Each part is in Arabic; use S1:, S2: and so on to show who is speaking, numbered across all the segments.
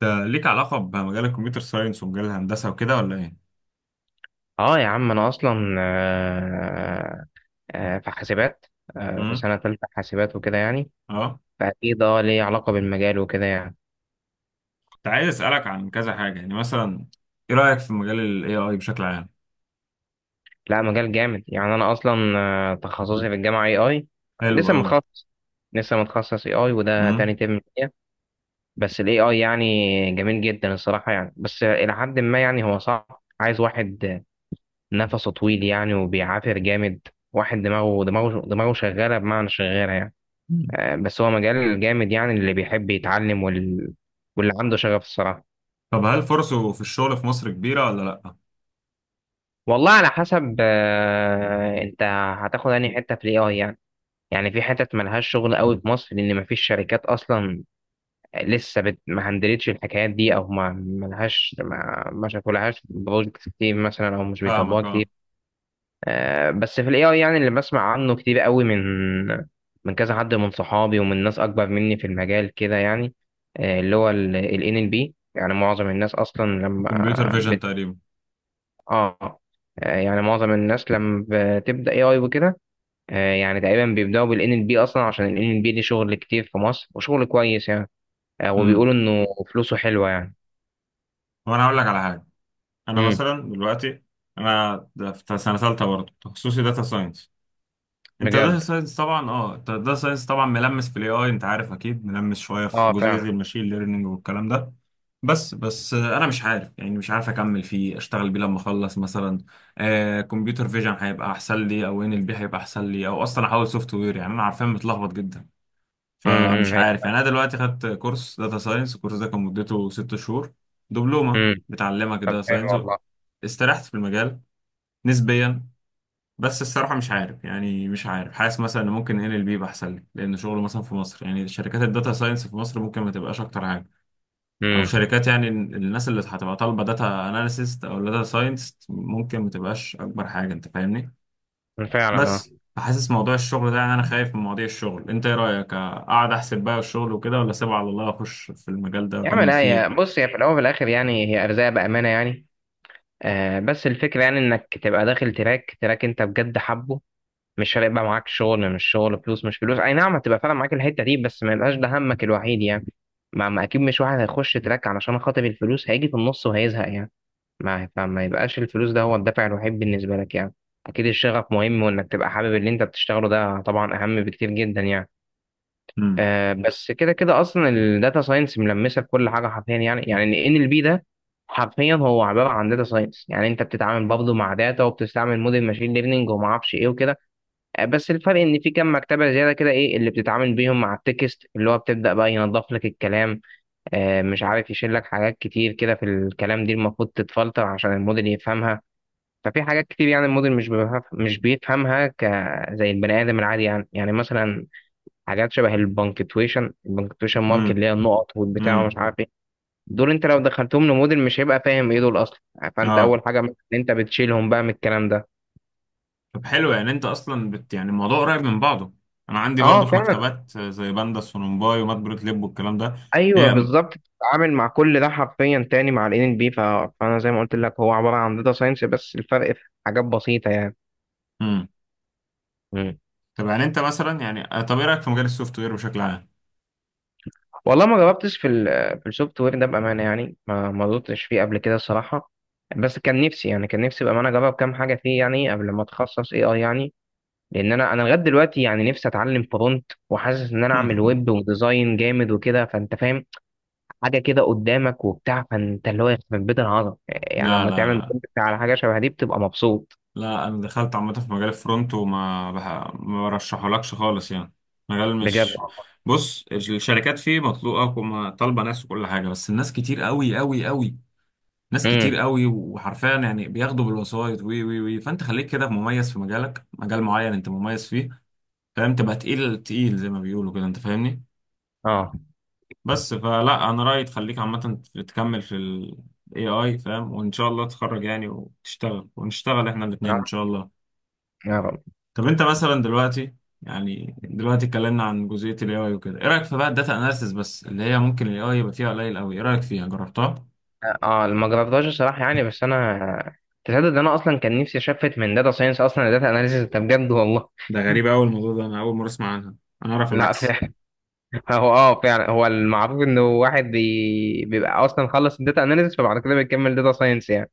S1: ده ليك علاقة بمجال الكمبيوتر ساينس ومجال الهندسة وكده ولا ايه؟
S2: اه يا عم انا اصلا في حاسبات في
S1: امم.
S2: سنه تالته حاسبات وكده يعني.
S1: اه.
S2: فاكيد اه ليه علاقه بالمجال وكده يعني.
S1: كنت عايز اسألك عن كذا حاجة، يعني مثلا ايه رأيك في مجال ال AI بشكل عام؟
S2: لا، مجال جامد يعني. انا اصلا تخصصي في الجامعه اي اي.
S1: حلو
S2: لسه
S1: قوي.
S2: متخصص لسه متخصص اي اي وده تاني
S1: امم.
S2: ترم ليا. بس الاي اي يعني جميل جدا الصراحه يعني، بس الى حد ما يعني. هو صعب، عايز واحد نفسه طويل يعني وبيعافر جامد. واحد دماغه شغاله، بمعنى شغاله يعني.
S1: مم.
S2: بس هو مجال جامد يعني اللي بيحب يتعلم وال... واللي عنده شغف الصراحة.
S1: طب هل فرصه في الشغل في مصر كبيرة ولا لأ؟
S2: والله على حسب انت هتاخد انهي حتة في الاي اي يعني. يعني في حتت ملهاش شغل قوي في مصر لان مفيش شركات اصلا لسه بت... ما هندلتش الحكايات دي، او ما ملهاش ما شافولهاش بروجكت كتير مثلا، او مش بيطبقوها
S1: فاهمك، اه.
S2: كتير. بس في الاي اي يعني اللي بسمع عنه كتير قوي من كذا حد من صحابي ومن ناس اكبر مني في المجال كده يعني. اللي هو ال ان ال بي، يعني معظم الناس اصلا لما
S1: الكمبيوتر فيجن
S2: بت...
S1: تقريبا.
S2: اه. يعني معظم الناس لما بتبدا اي اي وكده يعني تقريبا بيبداوا بالان ال بي اصلا، عشان الان ال بي دي شغل كتير في مصر وشغل كويس يعني.
S1: امم.
S2: وبيقولوا انه فلوسه حلوه يعني.
S1: وانا هقول لك على حاجة، انا
S2: امم.
S1: مثلا دلوقتي انا ده في سنة ثالثة برضه تخصصي داتا ساينس.
S2: بجد.
S1: انت داتا ساينس طبعا، ملمس في الاي اي، انت عارف اكيد ملمس شويه في
S2: اه
S1: جزئيه
S2: فعلا.
S1: الماشين ليرنينج والكلام ده. بس انا مش عارف، يعني مش عارف اكمل فيه اشتغل بيه لما اخلص مثلا. كمبيوتر فيجن هيبقى احسن لي او ان ال بي هيبقى احسن لي او اصلا احول سوفت وير، يعني انا عارفين متلخبط جدا.
S2: امم، امم.
S1: فمش
S2: هي
S1: عارف، يعني انا دلوقتي خدت كورس داتا ساينس، الكورس ده كان مدته 6 شهور، دبلومه
S2: امم
S1: بتعلمك
S2: طب
S1: داتا
S2: حلو
S1: ساينس.
S2: والله.
S1: استريحت في المجال نسبيا. بس الصراحة مش عارف، يعني مش عارف، حاسس مثلا ان ممكن ال ال بي احسن لي، لان شغله مثلا في مصر، يعني شركات الداتا ساينس في مصر ممكن ما تبقاش اكتر حاجة، او
S2: امم.
S1: شركات يعني الناس اللي هتبقى طالبة داتا اناليسيست او داتا ساينس ممكن ما تبقاش اكبر حاجة، انت فاهمني.
S2: فعلا آه.
S1: بس فحاسس موضوع الشغل ده، يعني انا خايف من مواضيع الشغل. انت ايه رأيك، اقعد احسب بقى الشغل وكده ولا اسيبه على الله اخش في المجال ده
S2: يا عم
S1: واكمل
S2: لا، يا
S1: فيه؟
S2: بص، هي في الاول وفي الاخر يعني هي ارزاق بامانه يعني. آه بس الفكره يعني انك تبقى داخل تراك، تراك انت بجد حبه، مش فارق بقى معاك شغل مش شغل، فلوس مش فلوس. اي نعم، هتبقى فعلا معاك الحته دي، بس ما يبقاش ده همك الوحيد يعني. ما اكيد مش واحد هيخش تراك علشان خاطر الفلوس، هيجي في النص وهيزهق يعني. ما فما يبقاش الفلوس ده هو الدافع الوحيد بالنسبه لك يعني. اكيد الشغف مهم، وانك تبقى حابب اللي انت بتشتغله ده طبعا اهم بكتير جدا يعني.
S1: امم.
S2: آه بس كده كده اصلا الداتا ساينس ملمسه في كل حاجه حرفيا يعني. يعني ان ال بي ده حرفيا هو عباره عن داتا ساينس يعني، انت بتتعامل برضه مع داتا وبتستعمل موديل ماشين ليرنينج وما اعرفش ايه وكده. بس الفرق ان في كام مكتبه زياده كده ايه اللي بتتعامل بيهم مع التكست، اللي هو بتبدا بقى ينظف لك الكلام، آه مش عارف، يشيل لك حاجات كتير كده في الكلام دي المفروض تتفلتر عشان الموديل يفهمها. ففي حاجات كتير يعني الموديل مش بيفهمها ك زي البني ادم العادي يعني. يعني مثلا حاجات شبه البنكتويشن، البنكتويشن مارك،
S1: امم.
S2: اللي هي النقط والبتاع
S1: امم.
S2: ومش عارف ايه. دول انت لو دخلتهم لموديل مش هيبقى فاهم ايه دول اصلا. فانت
S1: اه.
S2: اول حاجه مثلاً إن انت بتشيلهم بقى من الكلام ده.
S1: طب حلو، يعني انت اصلا بت، يعني الموضوع قريب من بعضه. انا عندي
S2: اه
S1: برضه في
S2: فعلا.
S1: مكتبات زي باندا سونومباي ومات بروت ليب والكلام ده.
S2: ايوه
S1: هي.
S2: بالظبط، بتتعامل مع كل ده حرفيا تاني مع الان ال ان بي. فانا زي ما قلت لك هو عباره عن داتا ساينس، بس الفرق في حاجات بسيطه يعني.
S1: امم.
S2: مم.
S1: طب يعني انت مثلا، يعني طب ايه رايك في مجال السوفت وير بشكل عام؟
S2: والله ما جربتش في ال... في السوفت وير ده بامانه يعني، ما دورتش فيه قبل كده الصراحه. بس كان نفسي يعني، كان نفسي بامانه اجرب كام حاجه فيه يعني قبل ما اتخصص اي اي يعني. لان انا لغايه دلوقتي يعني نفسي اتعلم فرونت، وحاسس ان انا اعمل ويب وديزاين جامد وكده، فانت فاهم، حاجه كده قدامك وبتاع. فانت اللي هو يخرب بيت العظمه يعني
S1: لا
S2: لما
S1: لا
S2: تعمل
S1: لا.
S2: كونتنت على حاجه شبه دي بتبقى مبسوط.
S1: لا انا دخلت عامه في مجال الفرونت، ما برشحهولكش خالص يعني. مجال
S2: بجد.
S1: مش... بص الشركات فيه مطلوبه وما طالبه ناس وكل حاجه، بس الناس كتير قوي قوي قوي. ناس كتير
S2: امم.
S1: قوي، وحرفيا يعني بياخدوا بالوسايط وي وي وي. فانت خليك كده مميز في مجالك، مجال معين انت مميز فيه، فاهم؟ تبقى تقيل تقيل زي ما بيقولوا كده، انت فاهمني.
S2: اه.
S1: بس فلا انا رأيي تخليك عامة تكمل في ال AI، فاهم، وان شاء الله تتخرج يعني وتشتغل ونشتغل احنا الاتنين ان شاء
S2: اه.
S1: الله.
S2: آه.
S1: طب انت مثلا دلوقتي، يعني دلوقتي اتكلمنا عن جزئية ال AI وكده. ايه رأيك في بقى الداتا اناليسيس بس، اللي هي ممكن ال AI يبقى فيها قليل قوي؟ ايه رأيك فيها، جربتها؟
S2: ما جربتهاش الصراحه يعني، بس انا تصدق ان انا اصلا كان نفسي اشفت من داتا ساينس اصلا لداتا اناليسيس ده بجد والله.
S1: ده غريب قوي الموضوع ده، انا اول مرة اسمع عنها، انا اعرف
S2: لا
S1: العكس.
S2: فعلا. هو اه فعلا، هو المعروف انه واحد بي... بيبقى اصلا خلص الداتا اناليسيس فبعد كده بيكمل داتا ساينس يعني.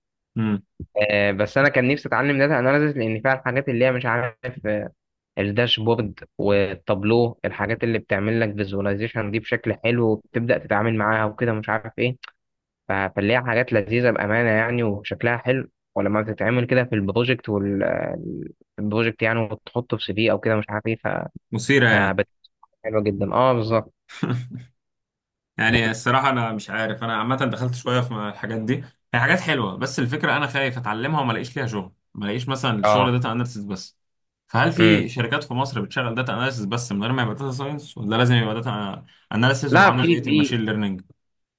S2: بس انا كان نفسي اتعلم داتا اناليسيس لان فيها الحاجات اللي هي مش عارف آه، الداشبورد والتابلو، الحاجات اللي بتعمل لك فيزواليزيشن دي بشكل حلو وبتبدا تتعامل معاها وكده مش عارف ايه. ف- فاللي هي حاجات لذيذه بامانه يعني وشكلها حلو. ولما بتتعمل كده في البروجكت والبروجكت يعني وتحطه في سي في او كده مش عارف ايه ف-
S1: مثيرة يعني.
S2: فبتبقى حلوه جدا، اه بالظبط.
S1: يعني الصراحة أنا مش عارف، أنا عامة دخلت شوية في الحاجات دي. هي حاجات حلوة، بس الفكرة أنا خايف أتعلمها وما ألاقيش ليها شغل، ما ألاقيش مثلا الشغل
S2: اه.
S1: داتا أناليسيس بس. فهل
S2: امم.
S1: في شركات في مصر بتشغل داتا أناليسيس بس من غير ما يبقى داتا ساينس، ولا لازم يبقى داتا أناليسيس
S2: لا
S1: ومعاه
S2: في
S1: جزئية
S2: في...
S1: الماشين ليرنينج؟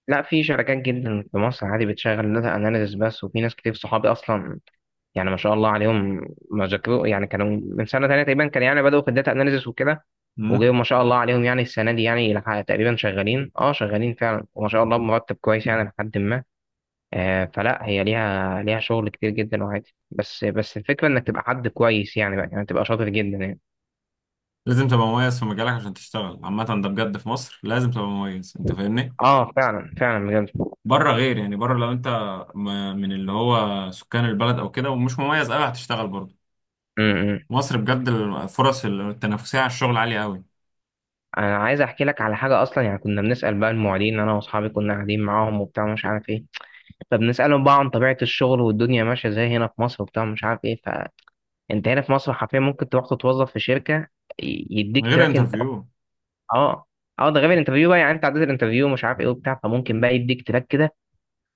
S2: لا في شركات جدا في مصر عادي بتشغل داتا اناليسيس بس، وفي ناس كتير صحابي اصلا يعني ما شاء الله عليهم ما ذاكروا يعني، كانوا من سنه تانية تقريبا كان يعني بداوا في الداتا اناليسيس وكده،
S1: مم؟
S2: وجايب ما شاء الله عليهم يعني السنه دي يعني لح- تقريبا شغالين، اه شغالين فعلا وما شاء الله بمرتب كويس يعني لحد ما. آه فلا هي ليها، ليها شغل كتير جدا وعادي، بس بس الفكره انك تبقى حد كويس يعني بقى، يعني تبقى شاطر جدا يعني.
S1: لازم تبقى مميز في مجالك عشان تشتغل عامة. ده بجد، في مصر لازم تبقى مميز، أنت فاهمني؟
S2: اه فعلا، فعلا بجد.
S1: بره غير، يعني بره لو أنت من اللي هو سكان البلد أو كده، ومش مميز أوي، هتشتغل بره
S2: امم.
S1: مصر. بجد الفرص التنافسية على الشغل عالية قوي.
S2: انا عايز احكي لك على حاجه اصلا يعني. كنا بنسال بقى المعيدين، انا واصحابي كنا قاعدين معاهم وبتاع مش عارف ايه، فبنسألهم بقى عن طبيعة الشغل والدنيا ماشية ازاي هنا في مصر وبتاع مش عارف ايه. فانت هنا في مصر حرفيا ممكن تروح تتوظف في شركة، ي- يديك
S1: من غير
S2: تراك انت.
S1: انترفيو.
S2: اه. اه ده غير الانترفيو بقى يعني، انت عديت الانترفيو مش عارف ايه وبتاع، فممكن بقى يديك تراك كده،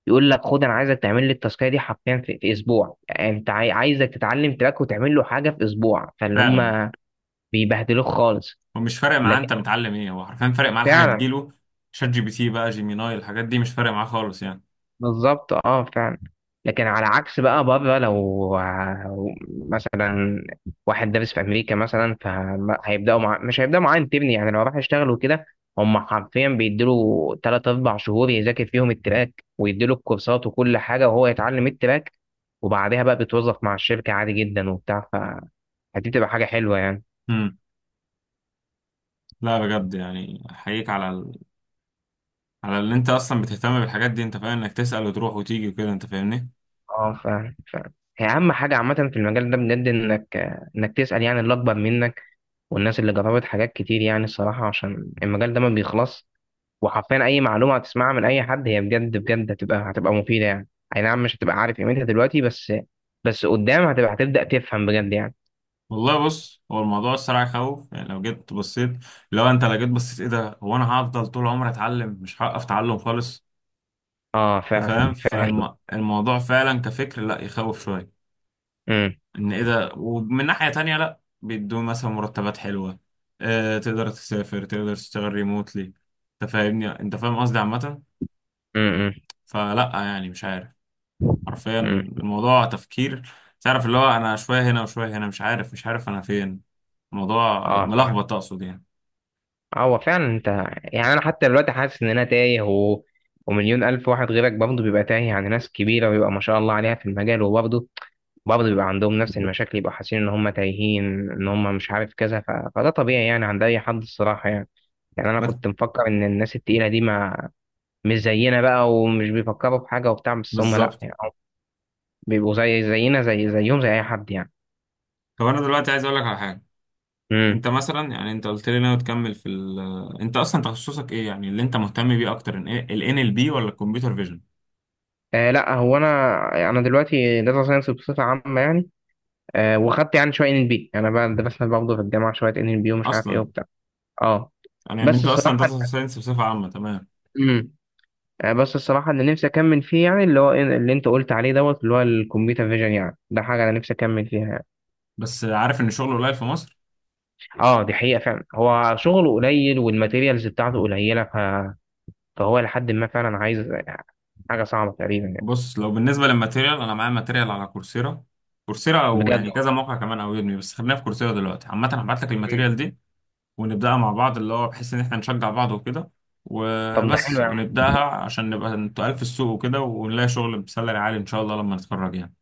S2: يقول لك خد انا عايزك تعمل لي التاسكية دي حرفيا في اسبوع. يعني انت عاي- عايزك تتعلم تراك وتعمل له حاجة في اسبوع. فاللي
S1: فعلا.
S2: هم بيبهدلوك خالص.
S1: هو مش فارق معاه
S2: لكن
S1: انت متعلم ايه، هو حرفيا فارق معاه الحاجة
S2: فعلا،
S1: تجيله. شات جي بي تي بقى، جيميناي، الحاجات دي مش فارق معاه خالص يعني.
S2: بالظبط اه فعلا. لكن على عكس بقى بره، لو ع- مثلا واحد دارس في امريكا مثلا، فهيبداوا مع... مش هيبداوا معاه انترن يعني لو راح يشتغل وكده. هم حرفيا بيديله 3 4 شهور يذاكر فيهم التراك، ويديله الكورسات وكل حاجه وهو يتعلم التراك، وبعدها بقى بيتوظف مع الشركه عادي جدا وبتاع. فدي بتبقى حاجه حلوه يعني.
S1: امم. لا بجد يعني احييك على ال... على اللي انت اصلا بتهتم بالحاجات دي، انت فاهم انك تسأل وتروح وتيجي وكده، انت فاهمني.
S2: اه ف... ف... هي اهم حاجه عامه في المجال ده بجد انك، انك تسال يعني اللي اكبر منك والناس اللي جربت حاجات كتير يعني الصراحة، عشان المجال ده ما بيخلص. وحرفيا أي معلومة هتسمعها من أي حد هي بجد بجد هتبقى مفيدة يعني. أي نعم، مش هتبقى عارف قيمتها دلوقتي، بس بس قدام هتبدأ تفهم بجد يعني.
S1: والله بص، هو الموضوع الصراحة يخوف، يعني لو جيت بصيت، لو جيت بصيت ايه ده، هو انا هفضل طول عمري اتعلم، مش هوقف تعلم خالص،
S2: اه
S1: انت
S2: فعلا،
S1: فاهم.
S2: فعلا.
S1: فالموضوع فعلا كفكر لا يخوف شوية،
S2: امم.
S1: ان ايه ده، ومن ناحية تانية لا بيدوا مثلا مرتبات حلوة، تقدر تسافر تقدر تشتغل ريموتلي، انت فاهمني، انت فاهم قصدي عامة.
S2: امم. امم.
S1: فلا يعني مش عارف، حرفيا
S2: امم.
S1: الموضوع تفكير. تعرف اللي هو انا شوية هنا وشوية هنا، مش عارف انا فين. الموضوع
S2: اه فعلا.
S1: ملخبط، اقصد يعني.
S2: هو فعلا انت، يعني انا حتى دلوقتي حاسس ان انا تايه و... ومليون الف واحد غيرك برضه بيبقى تايه، عن ناس كبيره ويبقى ما شاء الله عليها في المجال، وبرضه بيبقى عندهم نفس المشاكل، يبقى حاسين ان هم تايهين، ان هم مش عارف كذا. ف... فده طبيعي يعني عند اي حد الصراحه يعني. يعني انا
S1: ما-
S2: كنت مفكر ان الناس التقيله دي ما مش زينا بقى ومش بيفكروا في حاجه وبتاع، بس هم لا
S1: بالظبط.
S2: يعني، هم بيبقوا زي زينا، زي زيهم، زي اي حد يعني.
S1: طب انا دلوقتي عايز اقول لك على حاجة.
S2: امم.
S1: انت مثلا يعني انت قلت لي ناوي تكمل في ال، انت اصلا تخصصك ايه؟ يعني اللي انت مهتم بيه اكتر ان ايه، ال NLP ولا الكمبيوتر فيجن؟
S2: آه لا، هو انا يعني انا دلوقتي داتا ساينس بصفه عامه يعني. آه وخدت يعني شويه ان ال بي، انا بقى، درسنا برضه في الجامعه شويه ان ال بي ومش عارف ايه
S1: اصلا
S2: وبتاع. اه
S1: يعني
S2: بس
S1: انت اصلا
S2: الصراحه،
S1: داتا ساينس بصفه عامه، تمام.
S2: امم، آه بس الصراحه اللي نفسي اكمل فيه يعني، اللي هو إيه اللي انت قلت عليه دوت، اللي هو الكمبيوتر فيجن يعني، ده حاجه انا نفسي اكمل فيها يعني.
S1: بس عارف ان الشغل قليل في مصر.
S2: اه دي حقيقه فعلا، هو شغله قليل والماتيريالز بتاعته قليله ف... فهو لحد ما فعلا عايز حاجه صعبه تقريبا يعني.
S1: بص لو بالنسبه للماتيريال، انا معايا ماتيريال على كورسيرا، كورسيرا او
S2: بجد.
S1: يعني كذا موقع كمان او يودمي، بس خلينا في كورسيرا دلوقتي عامه. هبعت لك الماتيريال
S2: مم.
S1: دي ونبداها مع بعض، اللي هو بحيث ان احنا نشجع بعض وكده
S2: طب ده حلو
S1: وبس،
S2: يا عم.
S1: ونبداها عشان نبقى تقال في السوق وكده، ونلاقي شغل بسالري عالي ان شاء الله لما نتخرج يعني.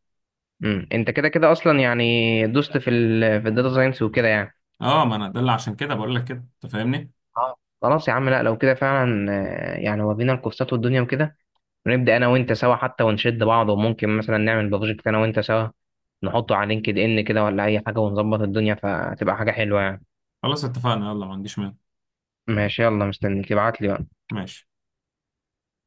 S2: مم. انت كده كده اصلا يعني دوست في ال... في الداتا ساينس وكده يعني.
S1: اه ما انا ده اللي عشان كده بقول لك كده، انت فاهمني.
S2: اه. خلاص يا عم، لا لو كده فعلا يعني ورينا الكورسات والدنيا وكده، ونبدا انا وانت سوا حتى ونشد بعض، وممكن مثلا نعمل بروجكت انا وانت سوا، نحطه على لينكد ان كده ولا اي حاجه، ونظبط الدنيا فتبقى حاجه حلوه يعني.
S1: خلاص اتفقنا يلا، ما عنديش مانع.
S2: ماشي، يلا مستنيك ابعت لي بقى.
S1: ماشي.